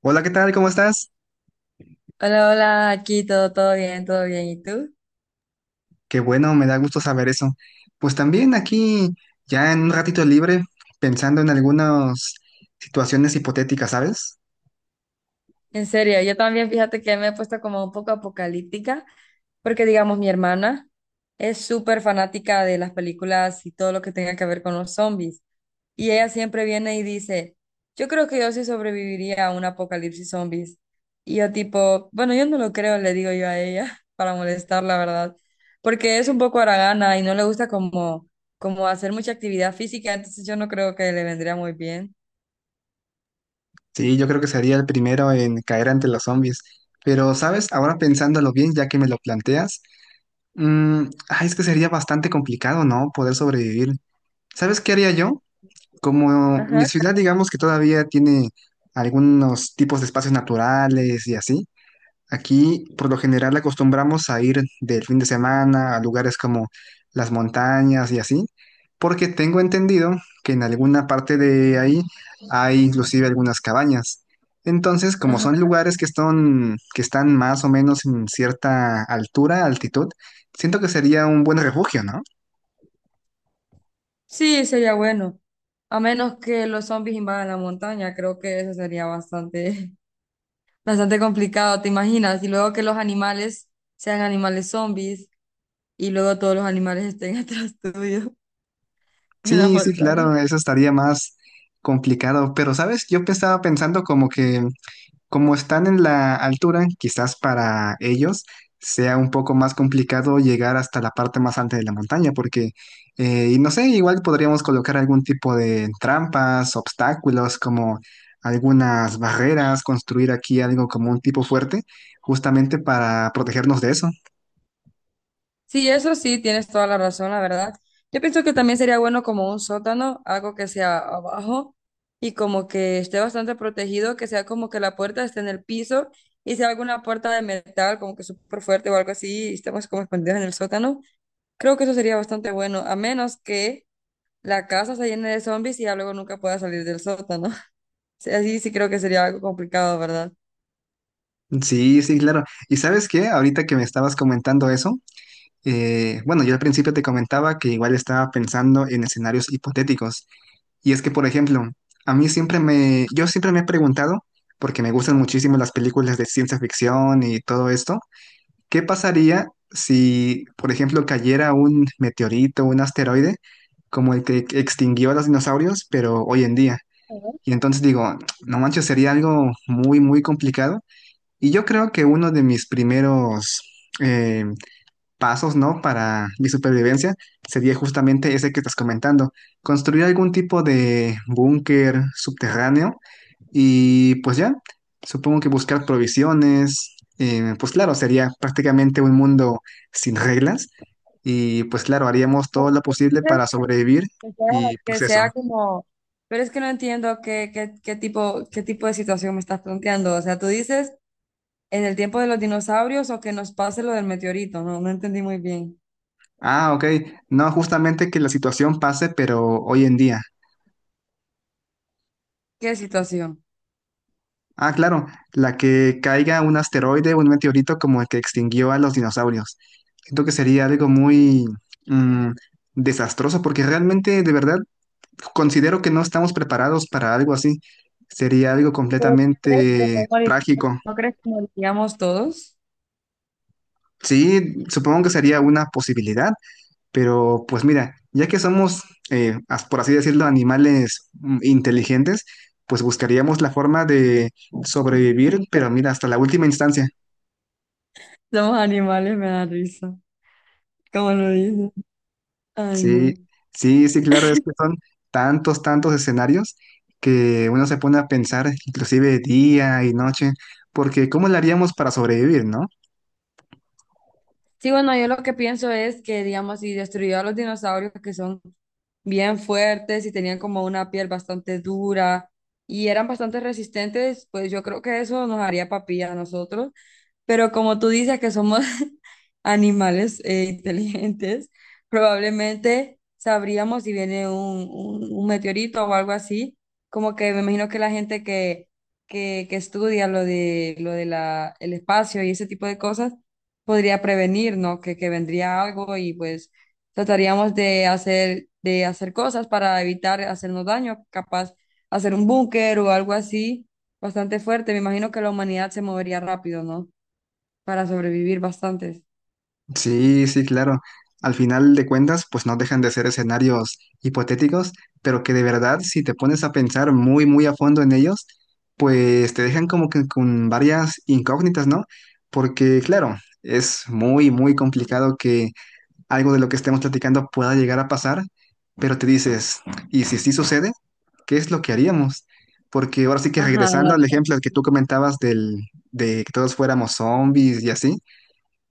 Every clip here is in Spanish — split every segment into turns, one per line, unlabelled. Hola, ¿qué tal? ¿Cómo estás?
Hola, hola, aquí todo bien, todo bien. ¿Y tú?
Qué bueno, me da gusto saber eso. Pues también aquí, ya en un ratito libre, pensando en algunas situaciones hipotéticas, ¿sabes?
En serio, yo también fíjate que me he puesto como un poco apocalíptica, porque digamos mi hermana es súper fanática de las películas y todo lo que tenga que ver con los zombies. Y ella siempre viene y dice, yo creo que yo sí sobreviviría a un apocalipsis zombies. Y yo tipo, bueno, yo no lo creo, le digo yo a ella, para molestar, la verdad, porque es un poco haragana y no le gusta como hacer mucha actividad física, entonces yo no creo que le vendría muy bien.
Sí, yo creo que sería el primero en caer ante los zombies. Pero, ¿sabes? Ahora pensándolo bien, ya que me lo planteas, ay, es que sería bastante complicado, ¿no? Poder sobrevivir. ¿Sabes qué haría yo? Como mi
Ajá.
ciudad, digamos que todavía tiene algunos tipos de espacios naturales y así. Aquí por lo general acostumbramos a ir del fin de semana a lugares como las montañas y así, porque tengo entendido que en alguna parte de ahí hay inclusive algunas cabañas. Entonces, como
Ajá.
son lugares que están más o menos en cierta altura, altitud, siento que sería un buen refugio, ¿no?
Sí, sería bueno. A menos que los zombies invadan la montaña, creo que eso sería bastante, bastante complicado, ¿te imaginas? Y luego que los animales sean animales zombies y luego todos los animales estén atrás tuyo en la
Sí, sí,
montaña.
claro, eso estaría más complicado, pero sabes, estaba pensando como que como están en la altura, quizás para ellos sea un poco más complicado llegar hasta la parte más alta de la montaña, porque, y no sé, igual podríamos colocar algún tipo de trampas, obstáculos, como algunas barreras, construir aquí algo como un tipo fuerte, justamente para protegernos de eso.
Sí, eso sí, tienes toda la razón, la verdad. Yo pienso que también sería bueno como un sótano, algo que sea abajo y como que esté bastante protegido, que sea como que la puerta esté en el piso y sea alguna puerta de metal, como que súper fuerte o algo así, y estemos como escondidos en el sótano. Creo que eso sería bastante bueno, a menos que la casa se llene de zombies y ya luego nunca pueda salir del sótano. Sí, así sí creo que sería algo complicado, ¿verdad?
Sí, sí, claro. ¿Y sabes qué? Ahorita que me estabas comentando eso. Bueno, yo al principio te comentaba que igual estaba pensando en escenarios hipotéticos. Y es que, por ejemplo, a mí siempre me, yo siempre me he preguntado, porque me gustan muchísimo las películas de ciencia ficción y todo esto, ¿qué pasaría si, por ejemplo, cayera un meteorito, un asteroide, como el que extinguió a los dinosaurios, pero hoy en día? Y entonces digo, no manches, sería algo muy, muy complicado. Y yo creo que uno de mis primeros eh, pasos, ¿no? Para mi supervivencia sería justamente ese que estás comentando, construir algún tipo de búnker subterráneo y pues ya, supongo que buscar provisiones, pues claro, sería prácticamente un mundo sin reglas y pues claro, haríamos todo
Porque
lo posible
dices
para sobrevivir
que sea
y
que
pues eso.
sea como... Pero es que no entiendo qué tipo de situación me estás planteando. O sea, tú dices en el tiempo de los dinosaurios o que nos pase lo del meteorito. No, no entendí muy bien.
Ah, ok, no justamente que la situación pase, pero hoy en día.
¿Qué situación?
Ah, claro, la que caiga un asteroide o un meteorito como el que extinguió a los dinosaurios. Siento que sería algo muy mm, desastroso porque realmente, de verdad, considero que no estamos preparados para algo así. Sería algo
Pues, ¿crees que
completamente
nos moriremos?
trágico.
¿No crees que moriríamos todos?
Sí, supongo que sería una posibilidad, pero pues mira, ya que somos, por así decirlo, animales inteligentes, pues buscaríamos la forma de sobrevivir, pero mira, hasta la última instancia.
Somos animales, me da risa. ¿Cómo lo dices? Ay,
Sí,
no.
sí, sí, claro, es que son tantos, tantos escenarios que uno se pone a pensar inclusive día y noche, porque ¿cómo lo haríamos para sobrevivir, no?
Sí, bueno, yo lo que pienso es que, digamos, si destruyó a los dinosaurios que son bien fuertes y tenían como una piel bastante dura y eran bastante resistentes, pues yo creo que eso nos haría papilla a nosotros. Pero como tú dices que somos animales inteligentes, probablemente sabríamos si viene un meteorito o algo así, como que me imagino que la gente que estudia lo de la, el espacio y ese tipo de cosas podría prevenir, ¿no? Que vendría algo y pues trataríamos de hacer cosas para evitar hacernos daño, capaz hacer un búnker o algo así. Bastante fuerte, me imagino que la humanidad se movería rápido, ¿no? Para sobrevivir bastante.
Sí, sí, claro. Al final de cuentas, pues no dejan de ser escenarios hipotéticos, pero que de verdad, si te pones a pensar muy, muy a fondo en ellos, pues te dejan como que con varias incógnitas, ¿no? Porque, claro, es muy, muy complicado algo de lo que estemos platicando pueda llegar a pasar, pero te dices, ¿y si sí sucede? ¿Qué es lo que haríamos? Porque ahora sí que
Ajá.
regresando al ejemplo que tú comentabas de que todos fuéramos zombies y así,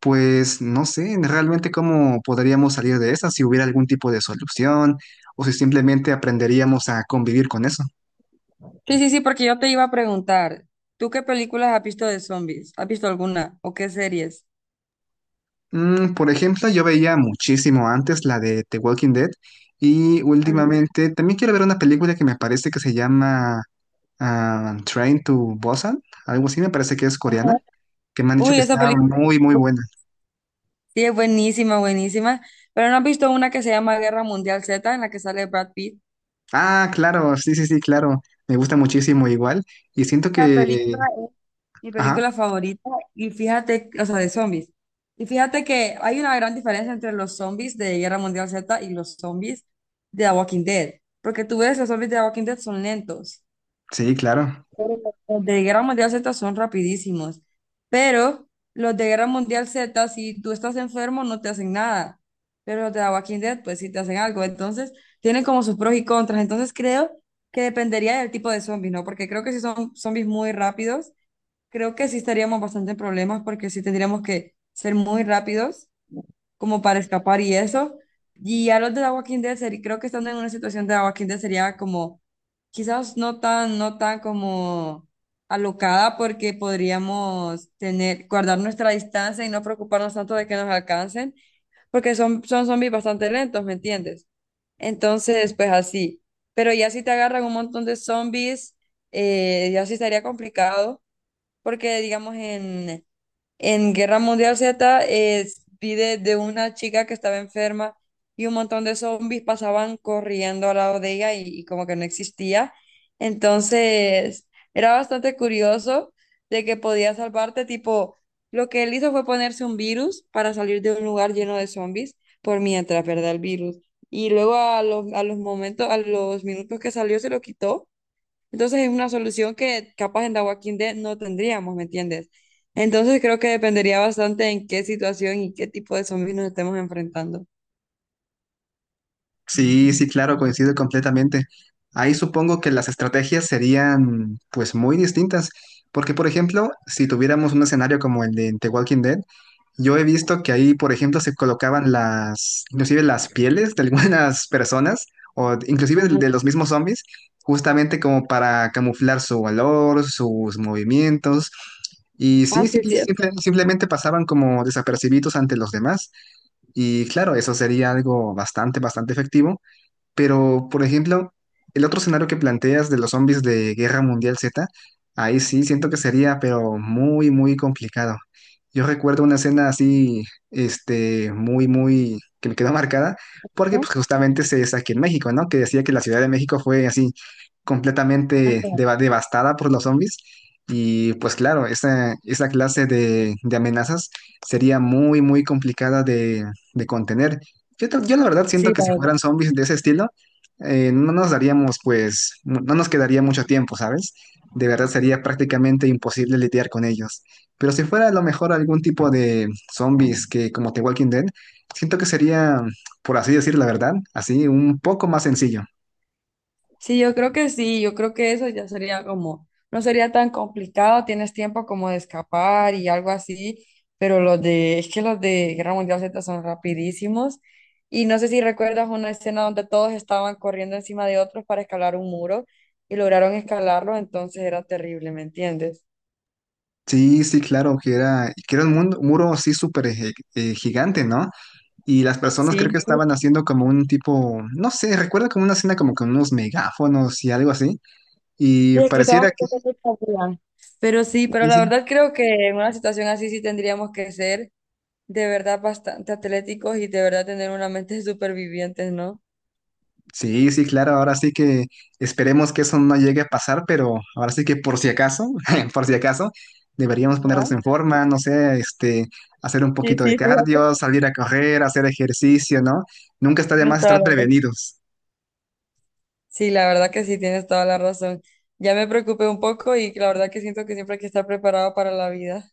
pues no sé realmente cómo podríamos salir de esa, si hubiera algún tipo de solución o si simplemente aprenderíamos a convivir con eso.
Sí, sí, sí, porque yo te iba a preguntar, ¿tú qué películas has visto de zombies? ¿Has visto alguna? ¿O qué series?
Por ejemplo, yo veía muchísimo antes la de The Walking Dead y
Ajá.
últimamente también quiero ver una película que me parece que se llama Train to Busan, algo así me parece que es coreana, que me han dicho
Uy,
que
esa
está
película
muy, muy buena.
sí es buenísima, buenísima. Pero ¿no has visto una que se llama Guerra Mundial Z, en la que sale Brad Pitt?
Ah, claro, sí, sí, sí, claro, me gusta muchísimo igual y siento
La
que...
película es mi
Ajá,
película favorita y fíjate, o sea, de zombies. Y fíjate que hay una gran diferencia entre los zombies de Guerra Mundial Z y los zombies de The Walking Dead. Porque tú ves, los zombies de The Walking Dead son lentos.
sí, claro.
Pero los de Guerra Mundial Z son rapidísimos, pero los de Guerra Mundial Z, si tú estás enfermo, no te hacen nada, pero los de The Walking Dead, pues sí te hacen algo, entonces tienen como sus pros y contras, entonces creo que dependería del tipo de zombies, ¿no? Porque creo que si son zombies muy rápidos, creo que sí estaríamos bastante en problemas porque sí tendríamos que ser muy rápidos como para escapar y eso. Y a los de The Walking Dead, creo que estando en una situación de The Walking Dead sería como, quizás no tan como alocada porque podríamos tener, guardar nuestra distancia y no preocuparnos tanto de que nos alcancen, porque son zombies bastante lentos, ¿me entiendes? Entonces, pues así. Pero ya si te agarran un montón de zombies, ya sí estaría complicado, porque digamos en... En Guerra Mundial Z vi de una chica que estaba enferma y un montón de zombies pasaban corriendo al lado de ella y como que no existía. Entonces era bastante curioso de que podía salvarte. Tipo, lo que él hizo fue ponerse un virus para salir de un lugar lleno de zombies por mientras, ¿verdad? El virus. Y luego a los momentos, a los minutos que salió, se lo quitó, entonces es una solución que capaz en The Walking Dead no tendríamos, ¿me entiendes? Entonces creo que dependería bastante en qué situación y qué tipo de zombies nos estemos enfrentando.
Sí, sí, claro, coincido completamente. Ahí supongo que las estrategias serían pues muy distintas, porque por ejemplo, si tuviéramos un escenario como el de The Walking Dead, yo he visto que ahí, por ejemplo, se colocaban las, inclusive las pieles de algunas personas, o inclusive
Ajá.
de los mismos zombies, justamente como para camuflar su valor, sus movimientos. Y
Ah,
sí,
sí, es cierto.
simplemente pasaban como desapercibidos ante los demás. Y claro, eso sería algo bastante, bastante efectivo. Pero, por ejemplo, el otro escenario que planteas de los zombies de Guerra Mundial Z, ahí sí siento que sería, pero muy, muy complicado. Yo recuerdo una escena así, este, muy, muy, que me quedó marcada, porque pues justamente se es aquí en México, ¿no? Que decía que la Ciudad de México fue así completamente devastada por los zombies. Y pues claro, esa clase de amenazas sería muy, muy complicada de contener. Yo la verdad siento
Sí,
que
la
si
verdad.
fueran zombies de ese estilo, no nos daríamos, pues, no nos quedaría mucho tiempo, ¿sabes? De verdad sería prácticamente imposible lidiar con ellos. Pero si fuera a lo mejor algún tipo de zombies que como The Walking Dead, siento que sería, por así decir la verdad, así un poco más sencillo.
Sí, yo creo que sí, yo creo que eso ya sería como, no sería tan complicado, tienes tiempo como de escapar y algo así, pero los de, es que los de Guerra Mundial Z son rapidísimos y no sé si recuerdas una escena donde todos estaban corriendo encima de otros para escalar un muro y lograron escalarlo, entonces era terrible, ¿me entiendes?
Sí, sí, claro, que era un muro así súper gigante, ¿no? Y las personas creo
Sí.
que estaban haciendo como un tipo, no sé, recuerdo como una escena como con unos megáfonos y algo así. Y
Sí, es que estaban
pareciera que
haciendo mucha fila. Pero sí, pero la
dicen,
verdad creo que en una situación así sí tendríamos que ser, de verdad, bastante atléticos y de verdad tener una mente de supervivientes, ¿no?
sí, sí, sí, claro, ahora sí que esperemos que eso no llegue a pasar, pero ahora sí que por si acaso, por si acaso, deberíamos
Ajá.
ponernos en forma, no sé, este, hacer un
Sí,
poquito de
sí, fíjate,
cardio, salir a correr, hacer ejercicio, ¿no? Nunca está de
tienes
más
toda
estar
la razón.
prevenidos.
Sí, la verdad que sí, tienes toda la razón. Ya me preocupé un poco y la verdad que siento que siempre hay que estar preparado para la vida.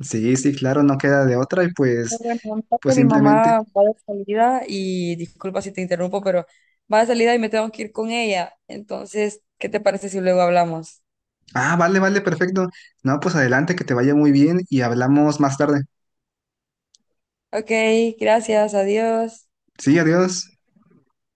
Sí, sí, claro, no queda de otra y
Pero
pues,
bueno,
pues
ahorita mi
simplemente,
mamá va de salida y disculpa si te interrumpo, pero va de salida y me tengo que ir con ella. Entonces, ¿qué te parece si luego hablamos?
ah, vale, vale, perfecto. No, pues adelante, que te vaya muy bien y hablamos más tarde.
Ok, gracias, adiós.
Sí, adiós.